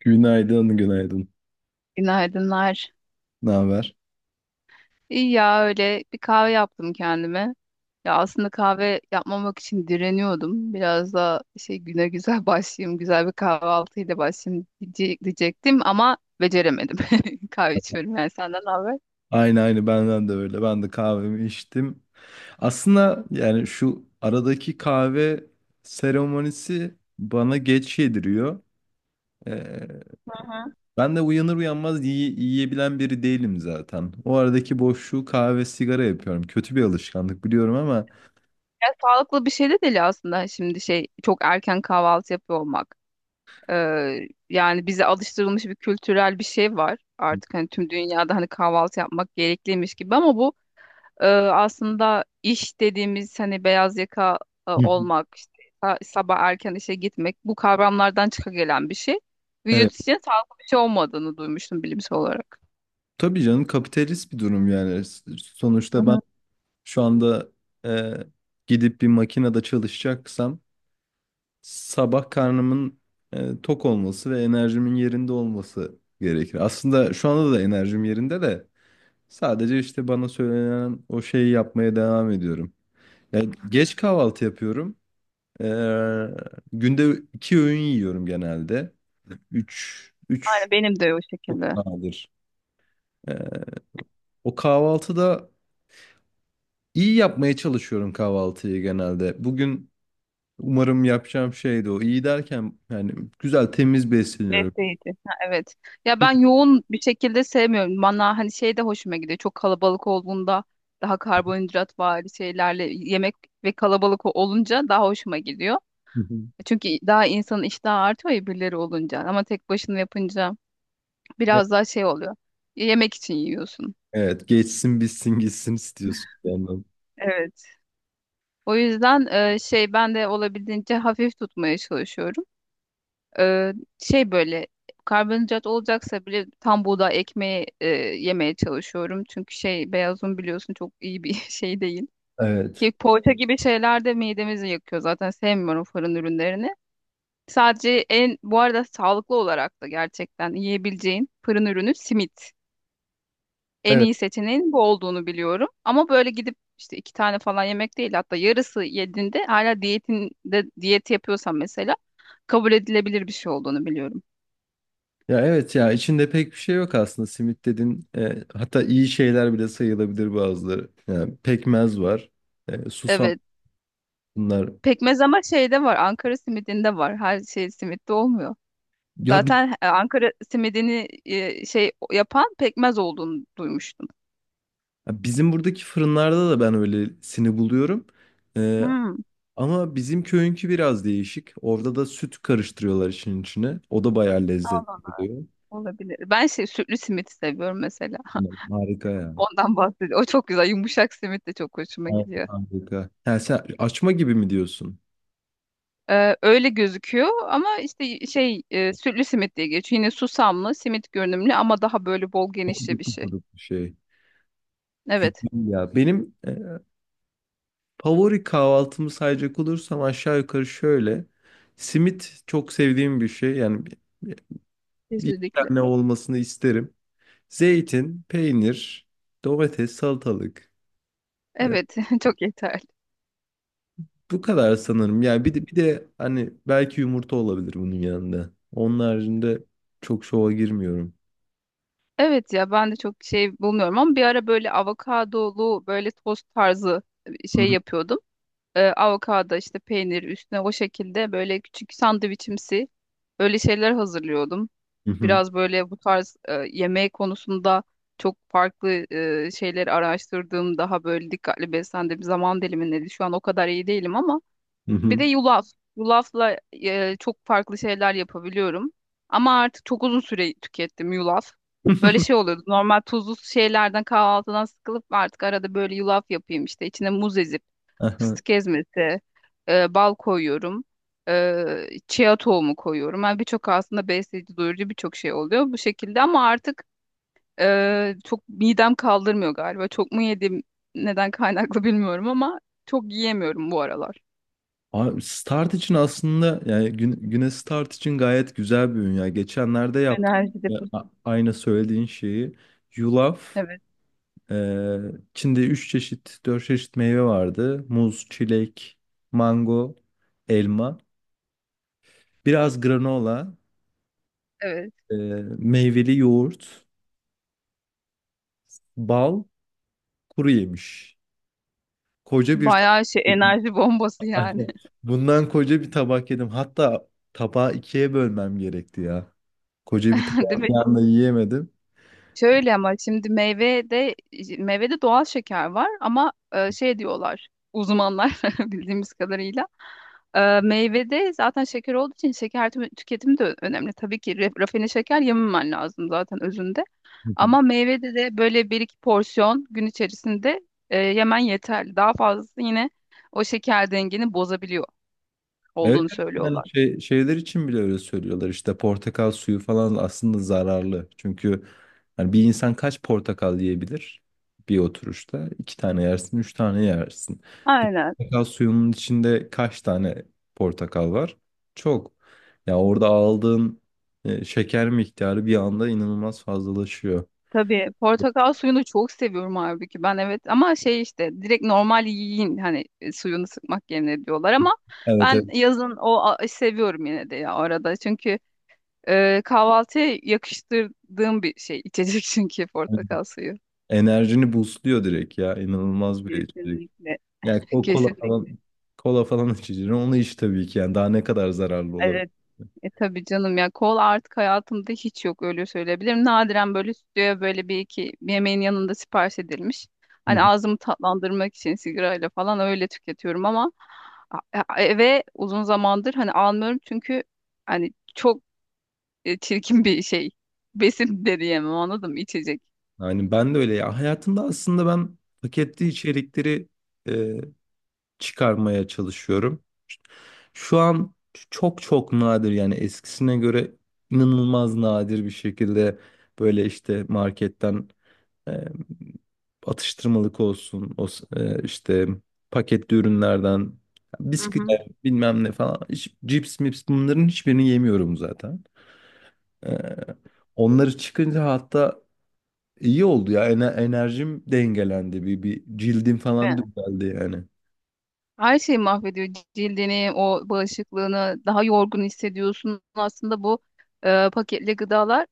Günaydın, günaydın. Günaydınlar. Ne haber? İyi ya öyle bir kahve yaptım kendime. Ya aslında kahve yapmamak için direniyordum. Biraz da şey güne güzel başlayayım, güzel bir kahvaltıyla başlayayım diyecektim ama beceremedim. Kahve içiyorum yani senden ne haber? Aynı aynı benden de öyle. Ben de kahvemi içtim. Aslında yani şu aradaki kahve seremonisi bana geç yediriyor. Ee, Hı hı. ben de uyanır uyanmaz yiyebilen biri değilim zaten. O aradaki boşluğu kahve sigara yapıyorum. Kötü bir alışkanlık biliyorum ama Ya sağlıklı bir şey de değil aslında şimdi şey çok erken kahvaltı yapıyor olmak. Ee, Yani bize alıştırılmış bir kültürel bir şey var. Artık hani tüm dünyada hani kahvaltı yapmak gerekliymiş gibi ama bu aslında iş dediğimiz hani beyaz yaka hı hı. olmak, işte sabah erken işe gitmek bu kavramlardan çıka gelen bir şey. Vücut Evet. için sağlıklı bir şey olmadığını duymuştum bilimsel olarak. Tabii canım kapitalist bir durum yani. Hı Sonuçta ben hı. şu anda e, gidip bir makinede çalışacaksam sabah karnımın tok olması ve enerjimin yerinde olması gerekir. Aslında şu anda da enerjim yerinde de sadece işte bana söylenen o şeyi yapmaya devam ediyorum. Yani geç kahvaltı yapıyorum. Ee, günde iki öğün yiyorum genelde. Üç Aynen benim de o çok şekilde. nadir. Ee, o kahvaltıda iyi yapmaya çalışıyorum kahvaltıyı genelde. Bugün umarım yapacağım şey de o. İyi derken yani güzel temiz besleniyorum. Besleyici. Ha, evet. Ya ben yoğun bir şekilde sevmiyorum. Bana hani şey de hoşuma gidiyor. Çok kalabalık olduğunda daha karbonhidrat var şeylerle yemek ve kalabalık olunca daha hoşuma gidiyor. Çünkü daha insanın iştahı artıyor ya birileri olunca. Ama tek başına yapınca biraz daha şey oluyor. Yemek için yiyorsun. Evet, geçsin bitsin gitsin istiyorsun bir yandan. Evet. O yüzden şey ben de olabildiğince hafif tutmaya çalışıyorum. E, Şey böyle karbonhidrat olacaksa bile tam buğday ekmeği yemeye çalışıyorum. Çünkü şey beyaz un biliyorsun çok iyi bir şey değil. Evet. Ki poğaça gibi şeyler de midemizi yakıyor zaten sevmiyorum fırın ürünlerini. Sadece en bu arada sağlıklı olarak da gerçekten yiyebileceğin fırın ürünü simit. En Evet. iyi seçeneğin bu olduğunu biliyorum. Ama böyle gidip işte iki tane falan yemek değil, hatta yarısı yediğinde hala diyetinde diyet yapıyorsan mesela kabul edilebilir bir şey olduğunu biliyorum. Ya evet, ya içinde pek bir şey yok aslında simit dedin. Hatta iyi şeyler bile sayılabilir bazıları. Yani pekmez var. Susam Evet. bunlar. Pekmez ama şeyde var. Ankara simidinde var. Her şey simitte olmuyor. Ya bi- Zaten Ankara simidini şey yapan pekmez olduğunu duymuştum. Bizim buradaki fırınlarda da ben öylesini buluyorum. E, Hmm. ama bizim köyünkü biraz değişik. Orada da süt karıştırıyorlar işin içine. O da bayağı Allah lezzetli Allah. oluyor. Olabilir. Ben şey sütlü simit seviyorum mesela. Harika ya. Ondan bahsediyorum. O çok güzel. Yumuşak simit de çok hoşuma Harika. gidiyor. Harika. Yani sen açma gibi mi diyorsun? Öyle gözüküyor ama işte şey sütlü simit diye geçiyor. Yine susamlı simit görünümlü ama daha böyle bol genişli bir Okuduk şey. okuduk bir şey. Evet, Güzel ya. Benim favori kahvaltımı sayacak olursam aşağı yukarı şöyle. Simit çok sevdiğim bir şey. Yani bir- iki kesinlikle. tane olmasını isterim. Zeytin, peynir, domates, salatalık. E, Evet, çok yeterli. bu kadar sanırım. Yani bir de hani belki yumurta olabilir bunun yanında. Onun haricinde çok şova girmiyorum. Evet ya ben de çok şey bulmuyorum ama bir ara böyle avokadolu böyle tost tarzı Hı şey hı. yapıyordum. Avokado işte peynir üstüne o şekilde böyle küçük sandviçimsi öyle şeyler hazırlıyordum. Hı hı. Biraz böyle bu tarz yemeği konusunda çok farklı şeyleri araştırdığım daha böyle dikkatli beslendiğim zaman dilimindeydi. Şu an o kadar iyi değilim ama Hı bir hı. de yulaf. Yulafla çok farklı şeyler yapabiliyorum. Ama artık çok uzun süre tükettim yulaf. Böyle şey oluyordu. Normal tuzlu şeylerden kahvaltıdan sıkılıp artık arada böyle yulaf yapayım işte içine muz ezip Aha. fıstık ezmesi, bal koyuyorum. E, Chia tohumu koyuyorum. Yani birçok aslında besleyici, doyurucu birçok şey oluyor bu şekilde ama artık çok midem kaldırmıyor galiba. Çok mu yedim, neden kaynaklı bilmiyorum ama çok yiyemiyorum bu aralar. Abi Start için aslında yani Güne Güneş Start için gayet güzel bir ürün ya. Geçenlerde yaptım. Enerji Ya, deposu. Aynı söylediğin şeyi. Yulaf, Evet, e, içinde 3 çeşit, 4 çeşit meyve vardı. Muz, çilek, mango, elma. Biraz granola, evet. e, meyveli yoğurt, bal, kuru yemiş. Koca bir tabak. Bayağı şey enerji bombası yani. Aynen. Bundan koca bir tabak yedim. Hatta tabağı ikiye bölmem gerekti ya. Koca bir tabağı Değil mi? bir anda yiyemedim. Şöyle ama şimdi meyvede meyvede doğal şeker var ama şey diyorlar uzmanlar bildiğimiz kadarıyla meyvede zaten şeker olduğu için şeker tüketimi de önemli. Tabii ki rafine şeker yememen lazım zaten özünde. Ama meyvede de böyle bir iki porsiyon gün içerisinde yemen yeterli. Daha fazlası yine o şeker dengeni bozabiliyor Evet, olduğunu söylüyorlar. yani şeyler için bile öyle söylüyorlar işte portakal suyu falan aslında zararlı. Çünkü hani bir insan kaç portakal yiyebilir bir oturuşta? İki tane yersin, üç tane yersin. Bir Aynen. portakal suyunun içinde kaç tane portakal var? Çok. Ya orada aldığın şeker miktarı bir anda inanılmaz fazlalaşıyor. Tabii portakal suyunu çok seviyorum halbuki ben, evet, ama şey işte direkt normal yiyin hani suyunu sıkmak yerine diyorlar ama Evet, evet. ben yazın seviyorum yine de ya arada çünkü kahvaltıya yakıştırdığım bir şey içecek çünkü portakal suyu. Enerjini boostluyor direkt ya. İnanılmaz bir içecek. Kesinlikle. Yani o kola Kesinlikle. falan kola falan içeceğim. Onu iç tabii ki yani daha ne kadar zararlı olabilir. E tabii canım ya kol artık hayatımda hiç yok öyle söyleyebilirim. Nadiren böyle stüdyoya böyle bir iki yemeğin yanında sipariş edilmiş. Hani ağzımı tatlandırmak için sigarayla falan öyle tüketiyorum ama eve uzun zamandır hani almıyorum çünkü hani çok çirkin bir şey. Besin de diyemem, anladın mı? İçecek. Yani ben de öyle ya. Hayatımda aslında ben paketli içerikleri e, çıkarmaya çalışıyorum. Şu an çok çok nadir, yani eskisine göre inanılmaz nadir bir şekilde böyle işte marketten E, atıştırmalık olsun, işte paketli ürünlerden, bisküvi, evet, bilmem ne falan, hiç, cips mips, bunların hiçbirini yemiyorum zaten. E, onları çıkınca hatta iyi oldu ya, enerjim dengelendi, bir cildim falan düzeldi yani. Her şeyi mahvediyor cildini, o bağışıklığını, daha yorgun hissediyorsun. Aslında bu paketli gıdalar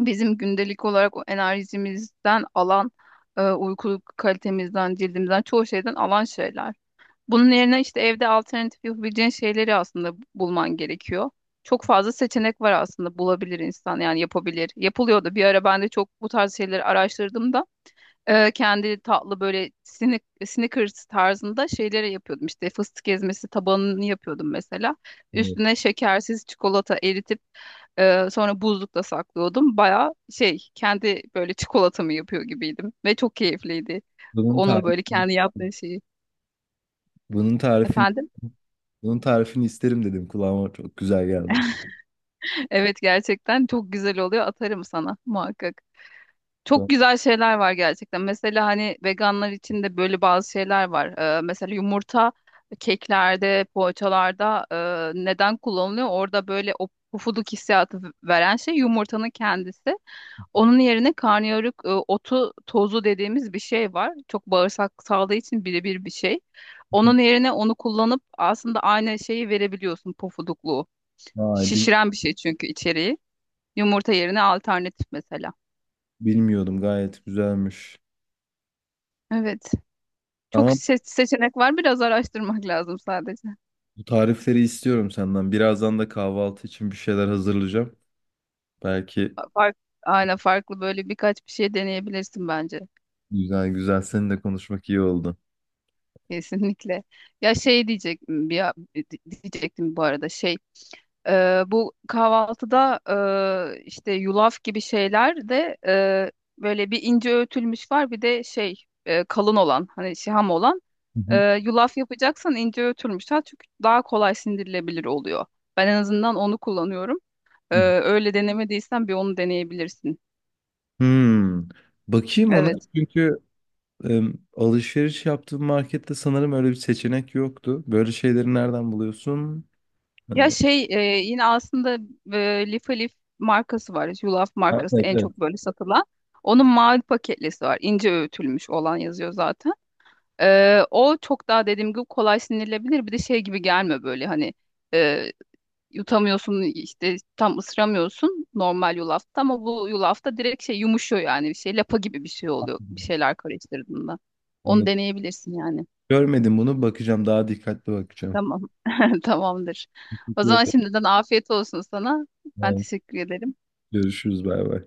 bizim gündelik olarak o enerjimizden alan, uyku kalitemizden, cildimizden çoğu şeyden alan şeyler. Bunun yerine işte evde alternatif yapabileceğin şeyleri aslında bulman gerekiyor. Çok fazla seçenek var, aslında bulabilir insan yani yapabilir. Yapılıyordu. Bir ara ben de çok bu tarz şeyleri araştırdım da kendi tatlı böyle Snickers tarzında şeyleri yapıyordum. İşte fıstık ezmesi tabanını yapıyordum mesela. Evet. Üstüne şekersiz çikolata eritip sonra buzlukta saklıyordum. Baya şey kendi böyle çikolatamı yapıyor gibiydim ve çok keyifliydi. Bunun Onun böyle tarifini, kendi yaptığı şeyi. bunun tarifini, Efendim? bunun tarifini isterim dedim, kulağıma çok güzel geldi. Evet, gerçekten çok güzel oluyor. Atarım sana muhakkak. Çok güzel şeyler var gerçekten. Mesela hani veganlar için de böyle bazı şeyler var. Mesela yumurta keklerde, poğaçalarda neden kullanılıyor? Orada böyle o pufuduk hissiyatı veren şey yumurtanın kendisi. Onun yerine karnıyarık otu tozu dediğimiz bir şey var. Çok bağırsak sağlığı için birebir bir şey. Onun yerine onu kullanıp aslında aynı şeyi verebiliyorsun, pufudukluğu. Vay bil- Şişiren bir şey çünkü içeriği. Yumurta yerine alternatif mesela. Bilmiyordum, gayet güzelmiş. Evet. Çok Ama seçenek var. Biraz araştırmak lazım sadece. bu tarifleri istiyorum senden. Birazdan da kahvaltı için bir şeyler hazırlayacağım. Belki Fa- Fark, aynen farklı böyle birkaç bir şey deneyebilirsin bence. güzel güzel seninle konuşmak iyi oldu. Kesinlikle. Ya şey diyecek bir diyecektim bu arada şey bu kahvaltıda işte yulaf gibi şeyler de böyle bir ince öğütülmüş var, bir de şey kalın olan hani şiham olan. Hı hı, Yulaf yapacaksan ince öğütülmüş. Ha, çünkü daha kolay sindirilebilir oluyor. Ben en azından onu kullanıyorum. Ee, hı. Öyle denemediysen bir onu deneyebilirsin. Hmm. Bakayım ona Evet. çünkü alışveriş yaptığım markette sanırım öyle bir seçenek yoktu. Böyle şeyleri nereden buluyorsun? Ee, Ya şey yine aslında Lif Alif markası var. Yulaf Evet, markası en evet. çok böyle satılan. Onun mavi paketlisi var. İnce öğütülmüş olan yazıyor zaten. O çok daha dediğim gibi kolay sindirilebilir. Bir de şey gibi gelme böyle hani e, yutamıyorsun, işte tam ısıramıyorsun normal yulafta, ama bu yulafta direkt şey yumuşuyor, yani bir şey lapa gibi bir şey oluyor bir şeyler karıştırdığında. Onu Anladım. deneyebilirsin yani. Görmedim bunu, bakacağım, daha dikkatli bakacağım. Tamam. Tamamdır. O zaman şimdiden afiyet olsun sana. Ben Evet. teşekkür ederim. Görüşürüz, bay bay.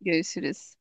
Görüşürüz.